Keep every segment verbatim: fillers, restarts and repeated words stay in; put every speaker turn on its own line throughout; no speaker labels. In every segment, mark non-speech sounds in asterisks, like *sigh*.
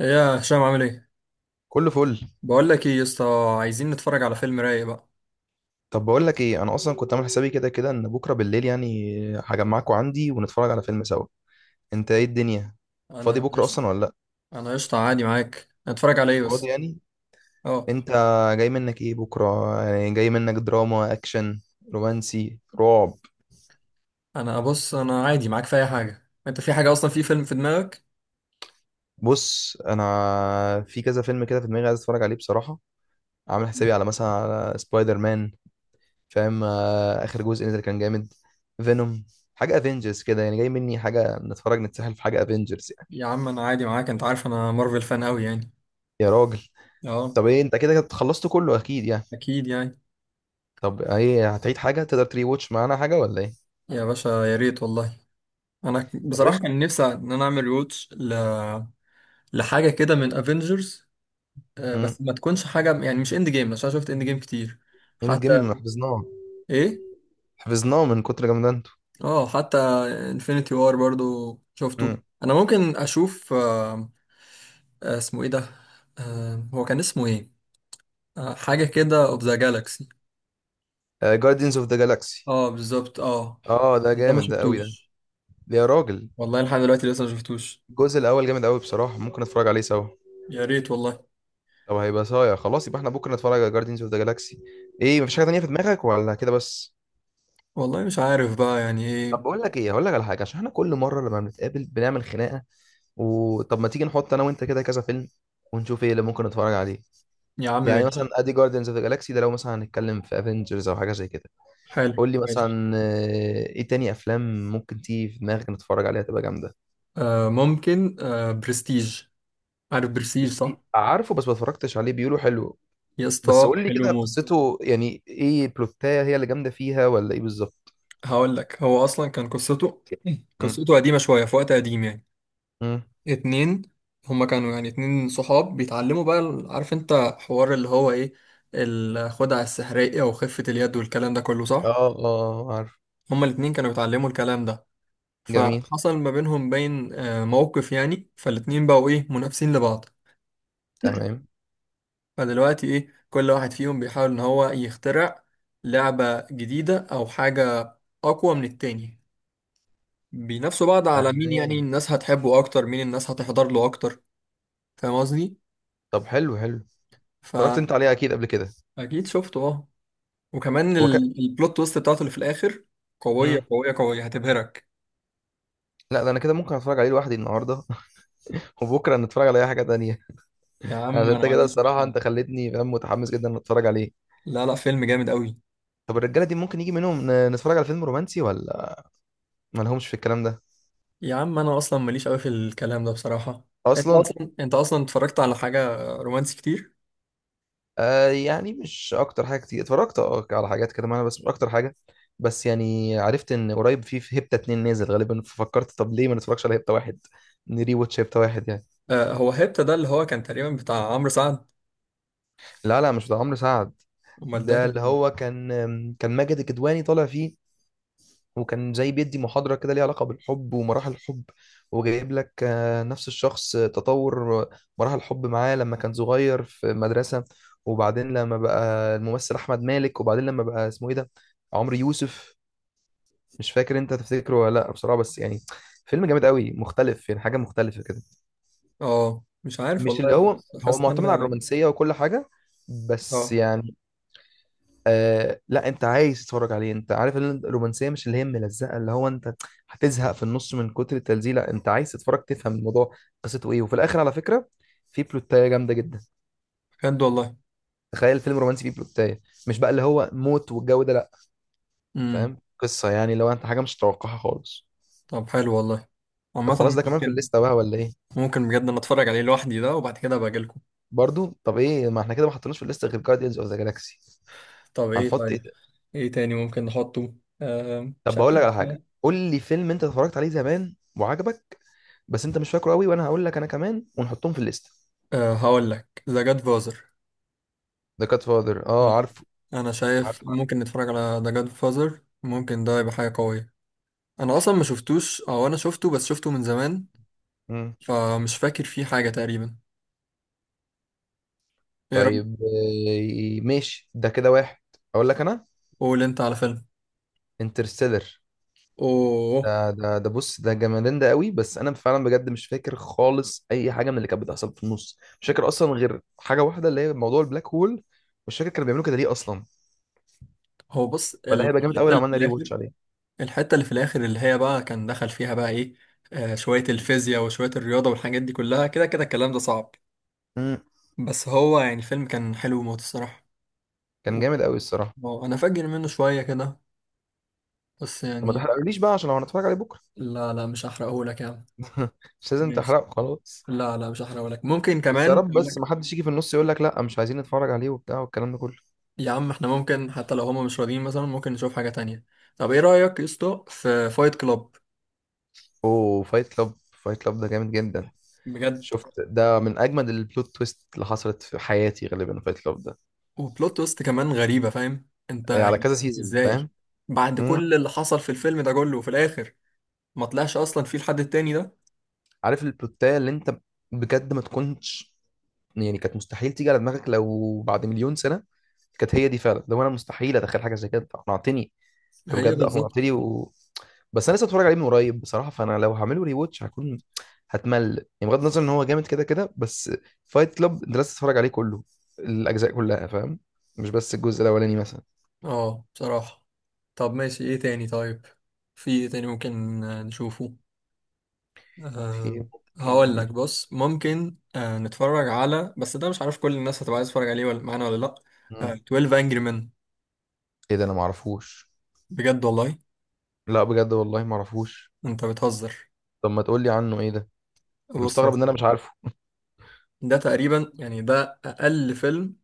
إيه يا هشام عامل ايه؟
كله فل.
بقول لك ايه يا اسطى. عايزين نتفرج على فيلم رايق بقى.
طب بقول لك ايه، انا اصلا كنت عامل حسابي كده كده ان بكره بالليل يعني هجمعكوا عندي ونتفرج على فيلم سوا. انت ايه الدنيا؟ فاضي
انا
بكره
قشطة.
اصلا ولا لا؟
انا قشطة عادي معاك، هنتفرج على ايه
فاضي
بس؟
يعني.
اه.
انت، جاي منك ايه بكره؟ يعني جاي منك دراما اكشن رومانسي رعب؟
انا بص انا عادي معاك في اي حاجة، انت في حاجة اصلا، في فيلم في دماغك؟
بص، انا في كذا فيلم كده في دماغي عايز اتفرج عليه بصراحه. عامل حسابي على، مثلا، على سبايدر مان. فاهم؟ آه، اخر جزء نزل كان جامد. فينوم. حاجه افنجرز كده، يعني جاي مني حاجه نتفرج نتسحل في حاجه افنجرز.
يا عم انا عادي معاك، انت عارف انا مارفل فان قوي يعني.
يا راجل.
اه.
طب ايه، انت كده كده خلصت كله اكيد يعني.
اكيد يعني.
طب ايه، هتعيد حاجه تقدر تري واتش معانا حاجه ولا ايه؟
يا باشا يا ريت والله. انا
طب
بصراحة
ايش؟
كان نفسي ان انا اعمل روتش ل... لحاجة كده من افنجرز.
امم
بس ما تكونش حاجة يعني مش اند جيم، عشان شفت اند جيم كتير.
اند جيم،
حتى.
حفظناه
ايه؟
حفظناه من كتر جامدانته.
اه حتى. انفينيتي وار برضو شفته،
امم
انا ممكن اشوف. آه، آه، اسمه ايه ده؟ آه، هو كان اسمه ايه؟ آه، حاجه كده اوف ذا جالاكسي.
جاردينز اوف ذا جالاكسي.
اه بالظبط اه.
اه ده
ده ما
جامد، ده قوي
شفتوش.
ده. يا راجل.
والله لحد دلوقتي لسه ما شفتوش.
الجزء الاول جامد قوي بصراحه، ممكن نتفرج عليه سوا.
يا ريت والله.
طب هيبقى صايع، خلاص يبقى احنا بكره نتفرج على جاردينز اوف ذا جالاكسي. ايه، مفيش حاجه تانيه في دماغك ولا كده بس؟
والله مش عارف بقى يعني
طب
ايه.
بقول لك ايه، هقول لك على حاجه عشان احنا كل مره لما بنتقابل بنعمل خناقه. وطب ما تيجي نحط انا وانت كده كذا فيلم ونشوف ايه اللي ممكن نتفرج عليه.
يا عم
يعني مثلا
ماشي.
ادي جاردينز اوف ذا جالاكسي ده، لو مثلا هنتكلم في افنجرز او حاجه زي كده.
حلو
قول لي
ماشي.
مثلا آه، ايه تاني افلام ممكن تيجي في دماغك نتفرج عليها تبقى جامده.
آه ممكن، آه برستيج. عارف برستيج
بس
صح؟
دي- عارفه، بس ما اتفرجتش عليه، بيقولوا حلو.
يا
بس
اسطى
قول لي
حلو
كده
موت.
قصته يعني ايه، بلوتايه هي اللي جامده فيها ولا ايه بالظبط؟
هقول لك هو اصلا كان قصته،
مم.
قصته قديمه شويه، في وقت قديم يعني.
مم.
اتنين. هما كانوا يعني اتنين صحاب بيتعلموا بقى ال- عارف انت، حوار اللي هو ايه، الخدعة السحرية وخفة اليد والكلام ده كله صح؟
اه اه، عارف.
هما الاتنين كانوا بيتعلموا الكلام ده.
جميل.
فحصل ما بينهم بين آه، موقف يعني، فالاتنين بقوا ايه منافسين لبعض.
تمام.
فدلوقتي ايه، كل واحد فيهم بيحاول ان هو يخترع لعبة جديدة او حاجة اقوى من التاني. بينافسوا بعض على مين يعني
تمام.
الناس هتحبه اكتر، مين الناس هتحضر له اكتر. فاهم قصدي؟
طب حلو حلو. اتفرجت انت
فأكيد.
عليه اكيد قبل كده.
شفته اه. وكمان
هو ك...
ال- البلوت تويست بتاعته اللي في الاخر، قويه
مم.
قويه قويه هتبهرك.
لا، ده انا كده ممكن اتفرج عليه لوحدي النهارده. *laughs* وبكره نتفرج على اي حاجه تانية.
يا
عشان
عم انا
انت
ما
كده
عنديش
الصراحه،
مشكله.
انت خليتني فاهم، متحمس جدا ان اتفرج عليه.
لا لا فيلم جامد قوي.
طب الرجاله دي ممكن يجي منهم ن- نتفرج على فيلم رومانسي ولا ما لهمش في الكلام ده؟
يا عم انا اصلا ماليش قوي في الكلام ده بصراحه. انت
اصلا.
اصلا انت اصلا اتفرجت على حاجه رومانسي كتير؟
آه، يعني مش اكتر حاجه، كتير اتفرجت اه على حاجات كده معانا بس مش اكتر حاجه. بس يعني عرفت ان قريب في في هيبتا اتنين نازل غالبا، ففكرت طب ليه ما نتفرجش على هيبتا واحد. نري واتش هيبتا واحد يعني.
آه، هو هيبتا ده اللي هو كان تقريبا بتاع عمرو سعد.
لا لا، مش بتاع عمرو سعد.
امال ده
ده
كان
اللي هو
ايه؟
كان، كان ماجد الكدواني طالع فيه. وكان زي بيدي محاضرة كده ليها علاقة بالحب ومراحل الحب. وجايب لك آه، نفس الشخص، آه، تطور، آه، مراحل الحب معاه لما كان صغير في مدرسة. وبعدين لما بقى الممثل أحمد مالك، وبعدين لما بقى اسمه إيه ده؟ عمرو يوسف. مش فاكر أنت تفتكره ولا لأ بصراحة، بس يعني فيلم جامد قوي مختلف، يعني حاجة مختلفة كده.
اه مش عارف
مش اللي
والله،
هو
بس
هو
حاسس ان
معتمد على
انا.
الرومانسية وكل حاجة، بس
اه.
يعني. آه، لا انت عايز تتفرج عليه، انت عارف ان الرومانسيه مش اللي هي ملزقه اللي هو انت هتزهق في النص من كتر التلزيق، لا انت عايز تتفرج تفهم الموضوع قصته ايه، وفي الاخر على فكره في بلوتايه جامده جدا.
بجد والله.
تخيل فيلم رومانسي فيه بلوتايه، مش بقى اللي هو موت والجو ده، لا.
امم.
فاهم قصه، يعني لو انت حاجه مش متوقعها خالص.
طب حلو والله.
طب
عامه.
خلاص ده كمان في
ممكن.
الليسته بقى ولا ايه؟
ممكن بجد انا اتفرج عليه لوحدي ده، وبعد كده ابقى أجيلكم.
برضو طب ايه، ما احنا كده ما حطيناش في الليسته غير جارديانز اوف ذا جالاكسي.
طب ايه
هنحط ايه
طيب.
ده؟
ايه تاني ممكن نحطه؟ آه
طب
مش
بقول لك على حاجه،
عارف.
قول لي فيلم انت اتفرجت عليه زمان وعجبك بس انت مش فاكره قوي، وانا هقول لك انا كمان ونحطهم في الليست.
آه هقول لك، ذا جاد فازر.
ده كات فاذر، اه
آه.
عارفه.
انا شايف
عارفه، عارف.
ممكن نتفرج على ذا جاد فازر، ممكن ده يبقى حاجة قوية. انا اصلا ما شفتوش، او انا شفته بس شفته من زمان.
مم.
فمش فاكر فيه حاجة تقريبا. ايه رأيك؟
طيب آه، ماشي ده كده واحد. اقول لك انا،
قول انت على فيلم.
انترستيلر.
اوه.
ده ده ده بص، ده جمالين، ده قوي، بس انا فعلا بجد مش فاكر خالص اي حاجه من اللي كانت بتحصل في النص، مش فاكر اصلا غير حاجه واحده اللي هي موضوع البلاك هول، مش فاكر كانوا بيعملوا كده ليه اصلا.
هو بص،
فده هيبقى جامد قوي
الحتة
لو
اللي
عملنا
في
ري
الاخر،
واتش عليه.
الحتة اللي في الاخر اللي هي بقى كان دخل فيها بقى ايه، آه شوية الفيزياء وشوية الرياضة والحاجات دي كلها، كده كده الكلام ده صعب.
مم.
بس هو يعني الفيلم كان حلو موت الصراحة.
كان جامد قوي الصراحه.
اه انا فاكر منه شويه كده، بس
طب ما
يعني.
تحرقليش بقى عشان لو هنتفرج عليه بكره.
لا لا مش هحرقهولك يا عم.
*laughs* مش لازم
ماشي.
تحرقه خلاص.
لا لا مش هحرقهولك، ممكن
بس يا
كمان
رب،
يقول
بس
لك.
ما حدش يجي في النص يقول لك لا مش عايزين نتفرج عليه وبتاع والكلام ده كله.
يا عم احنا ممكن حتى لو هما مش راضيين مثلا ممكن نشوف حاجه تانية. طب ايه رايك يا اسطى في فايت كلاب؟
اوه فايت كلاب. فايت كلاب ده جامد جدا.
بجد.
شفت ده من اجمد البلوت تويست اللي حصلت في حياتي غالبا، فايت كلاب ده.
وبلوت تويست كمان غريبه، فاهم انت
إيه، على
يعني.
كذا سيزون
ازاي؟
فاهم.
بعد
امم.
كل اللي حصل في الفيلم ده كله، وفي الاخر ما طلعش اصلا في الحد التاني ده.
عارف البلوتايه اللي انت، بجد ما تكونش، يعني كانت مستحيل تيجي على دماغك لو بعد مليون سنه. كانت هي دي فعلا، لو انا مستحيل اتخيل حاجه زي كده، أنت اقنعتني، انت
هي
بجد
بالظبط.
اقنعتني و. بس انا لسه اتفرج عليه من قريب بصراحه، فانا لو هعمله ري واتش هكون هتمل يعني، بغض النظر ان هو جامد كده كده بس. فايت كلاب انت لازم تتفرج عليه كله، الاجزاء كلها فاهم، مش بس الجزء الاولاني مثلا.
اه بصراحه. طب ماشي، ايه تاني طيب. في ايه تاني ممكن آه، نشوفه؟
في
أه.
ممكن
هقول لك
نش-
بص، ممكن أه نتفرج على، بس ده مش عارف كل الناس هتبقى عايز تتفرج عليه ولا معانا ولا لا. أه،
مم.
اتناشر Angry Men.
ايه ده انا ما اعرفوش.
بجد والله.
لا بجد والله ما اعرفوش.
انت بتهزر.
طب ما تقول لي عنه ايه ده. أنا
بص يا
مستغرب ان انا مش
سيدي،
عارفه.
ده تقريبا يعني ده اقل فيلم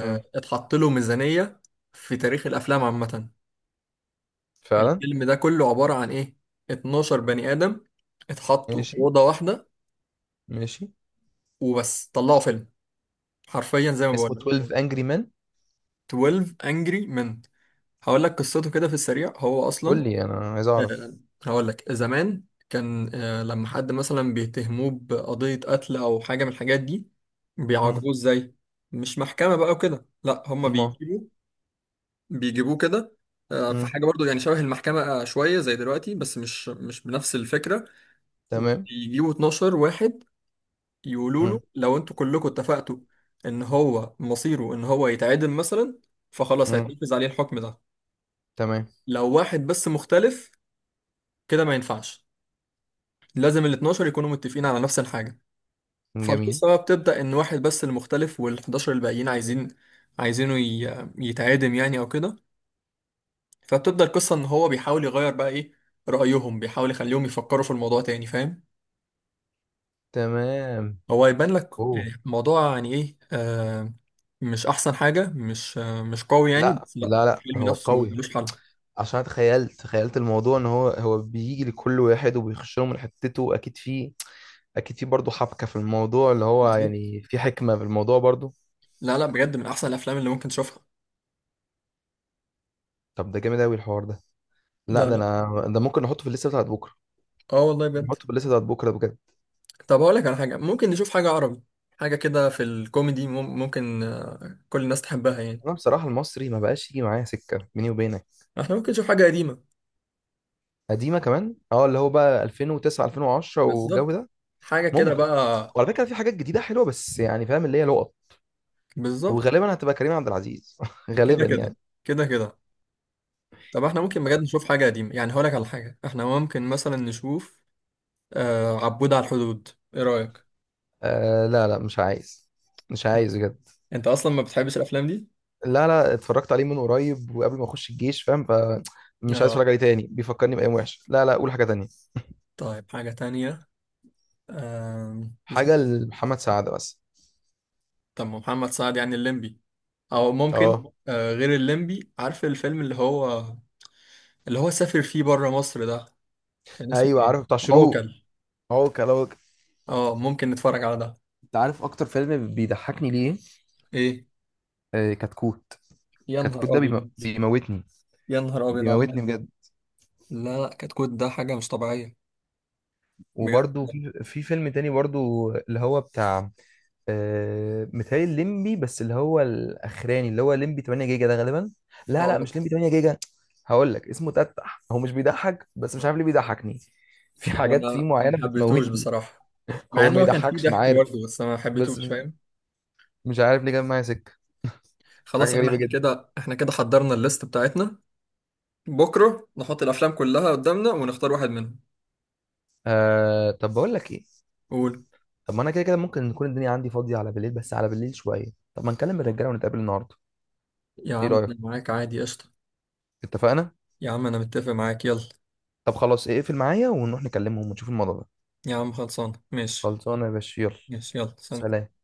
مم.
اتحط له ميزانية في تاريخ الافلام عامة.
فعلا.
الفيلم ده كله عبارة عن ايه؟ اتناشر بني ادم اتحطوا في
ماشي
أوضة واحدة
ماشي.
وبس، طلعوا فيلم حرفيا زي ما بقول
اسمه
لك.
اثنا عشر انجري مان.
اتناشر Angry Men. هقول لك قصته كده في السريع. هو
قول
اصلا
لي انا عايز
آه،
اعرف.
هقول لك، زمان كان آه، لما حد مثلا بيتهموه بقضية قتل أو حاجة من الحاجات دي،
مم.
بيعاقبوه إزاي؟ مش محكمة بقى وكده، لا هما
ما
بيجيبوه، بيجيبوه كده، آه، في
مم.
حاجة برضو يعني شبه المحكمة، آه، شوية زي دلوقتي بس مش مش بنفس الفكرة.
تمام.
ويجيبوا اتناشر واحد، يقولوا له
مم.
لو انتوا كلكم اتفقتوا ان هو مصيره ان هو يتعدم مثلا، فخلاص
مم.
هيتنفذ عليه الحكم ده.
تمام.
لو واحد بس مختلف كده ما ينفعش، لازم ال اتناشر يكونوا متفقين على نفس الحاجة.
جميل.
فالقصة بقى بتبدأ، إن واحد بس اللي مختلف، وال حداشر الباقيين عايزين، عايزينه ي- يتعادم يعني أو كده. فبتبدأ القصة إن هو بيحاول يغير بقى إيه رأيهم، بيحاول يخليهم يفكروا في الموضوع تاني، فاهم.
تمام.
هو يبان لك
اوه.
يعني الموضوع يعني إيه، آه مش أحسن حاجة، مش آه مش قوي يعني،
لا
بس لأ
لا لا،
الفيلم
هو
نفسه
قوي.
ملوش حل.
عشان أنا تخيلت تخيلت الموضوع ان هو هو بيجي لكل واحد وبيخش له من حتته، اكيد في، اكيد في برضه حبكه في الموضوع، اللي هو
بالظبط.
يعني في حكمه في الموضوع برضه.
لا لا بجد من أحسن الأفلام اللي ممكن تشوفها.
طب ده جامد قوي الحوار ده. لا
لا
ده
لا.
انا ده ممكن نحطه في الليسته بتاعت بكره.
اه والله بجد.
نحطه في الليسته بتاعت بكره بجد.
طب اقول لك على حاجه، ممكن نشوف حاجه عربي، حاجه كده في الكوميدي، مم- ممكن آه، كل الناس تحبها يعني.
انا بصراحه المصري ما بقاش يجي معايا سكه بيني وبينك.
احنا ممكن نشوف حاجه قديمه.
قديمه كمان اه، اللي هو بقى ألفين وتسعه ألفين وعشره والجو
بالظبط.
ده.
حاجه كده
ممكن.
بقى.
وعلى فكره في حاجات جديده حلوه، بس يعني فاهم اللي هي لقط.
بالظبط.
وغالبا هتبقى كريم عبد العزيز *laughs*
كده
غالبا
كده.
يعني.
كده كده. طب احنا ممكن بجد نشوف حاجه قديمه يعني، هقول لك على حاجه احنا ممكن مثلا نشوف، آه، عبود على الحدود. ايه رايك؟
آه، لا لا مش عايز. مش عايز بجد.
انت اصلا ما بتحبش الافلام دي.
لا لا اتفرجت عليه من قريب وقبل ما اخش الجيش فاهم، فمش عايز
اه.
اتفرج عليه تاني بيفكرني بايام وحشه، لا لا قول حاجه تانية.
طيب حاجه تانية. آم، مش
حاجه
عارف.
لمحمد سعد بس.
طب ما محمد سعد يعني الليمبي، او ممكن
اه.
آه غير الليمبي، عارف الفيلم اللي هو، اللي هو سافر فيه بره مصر ده، كان اسمه
ايوه
ايه؟
عارف، بتاع شروق.
عوكل.
هو كلاوك.
اه ممكن نتفرج على ده.
انت عارف اكتر فيلم بيضحكني ليه؟
ايه.
آه كتكوت.
يا نهار
كتكوت ده بيم...
ابيض.
بيموتني.
يا نهار ابيض على
بيموتني
ده.
بجد.
لا لا كتكوت ده حاجه مش طبيعيه.
وبرده
بجد.
في في فيلم تاني برضو اللي هو بتاع آه متهيألي الليمبي، بس اللي هو الاخراني اللي هو ليمبي تمنيه جيجا ده غالبا. لا لا
اه
مش ليمبي تمنيه جيجا. هقول لك اسمه تتح، هو مش بيضحك بس مش عارف ليه بيضحكني. *laughs* في حاجات فيه
انا
معينه
ما حبيتهوش
بتموتني.
بصراحه، مع
هو
ان
ما
هو كان فيه
يضحكش انا
ضحك
عارف.
برضه بس انا ما
بس
حبيتهوش
م-
فاهم.
مش عارف ليه جاب معايا سكه. حاجه
خلاص يا عم،
غريبه
احنا
جدا.
كده احنا كده حضرنا الليست بتاعتنا، بكره نحط الافلام كلها قدامنا ونختار واحد منهم.
آه طب بقول لك ايه.
قول.
طب ما انا كده كده ممكن نكون الدنيا عندي فاضيه على بالليل، بس على بالليل شويه. طب ما نكلم الرجاله ونتقابل النهارده.
يا
ايه
عم
رايك؟
انا معاك عادي قشطه.
اتفقنا.
يا عم انا متفق معاك يلا.
طب خلاص ايه، اقفل معايا ونروح نكلمهم ونشوف الموضوع ده.
يا عم خلصان ماشي.
خلصانه يا باشا، يلا
ماشي يلا، سلام.
سلام.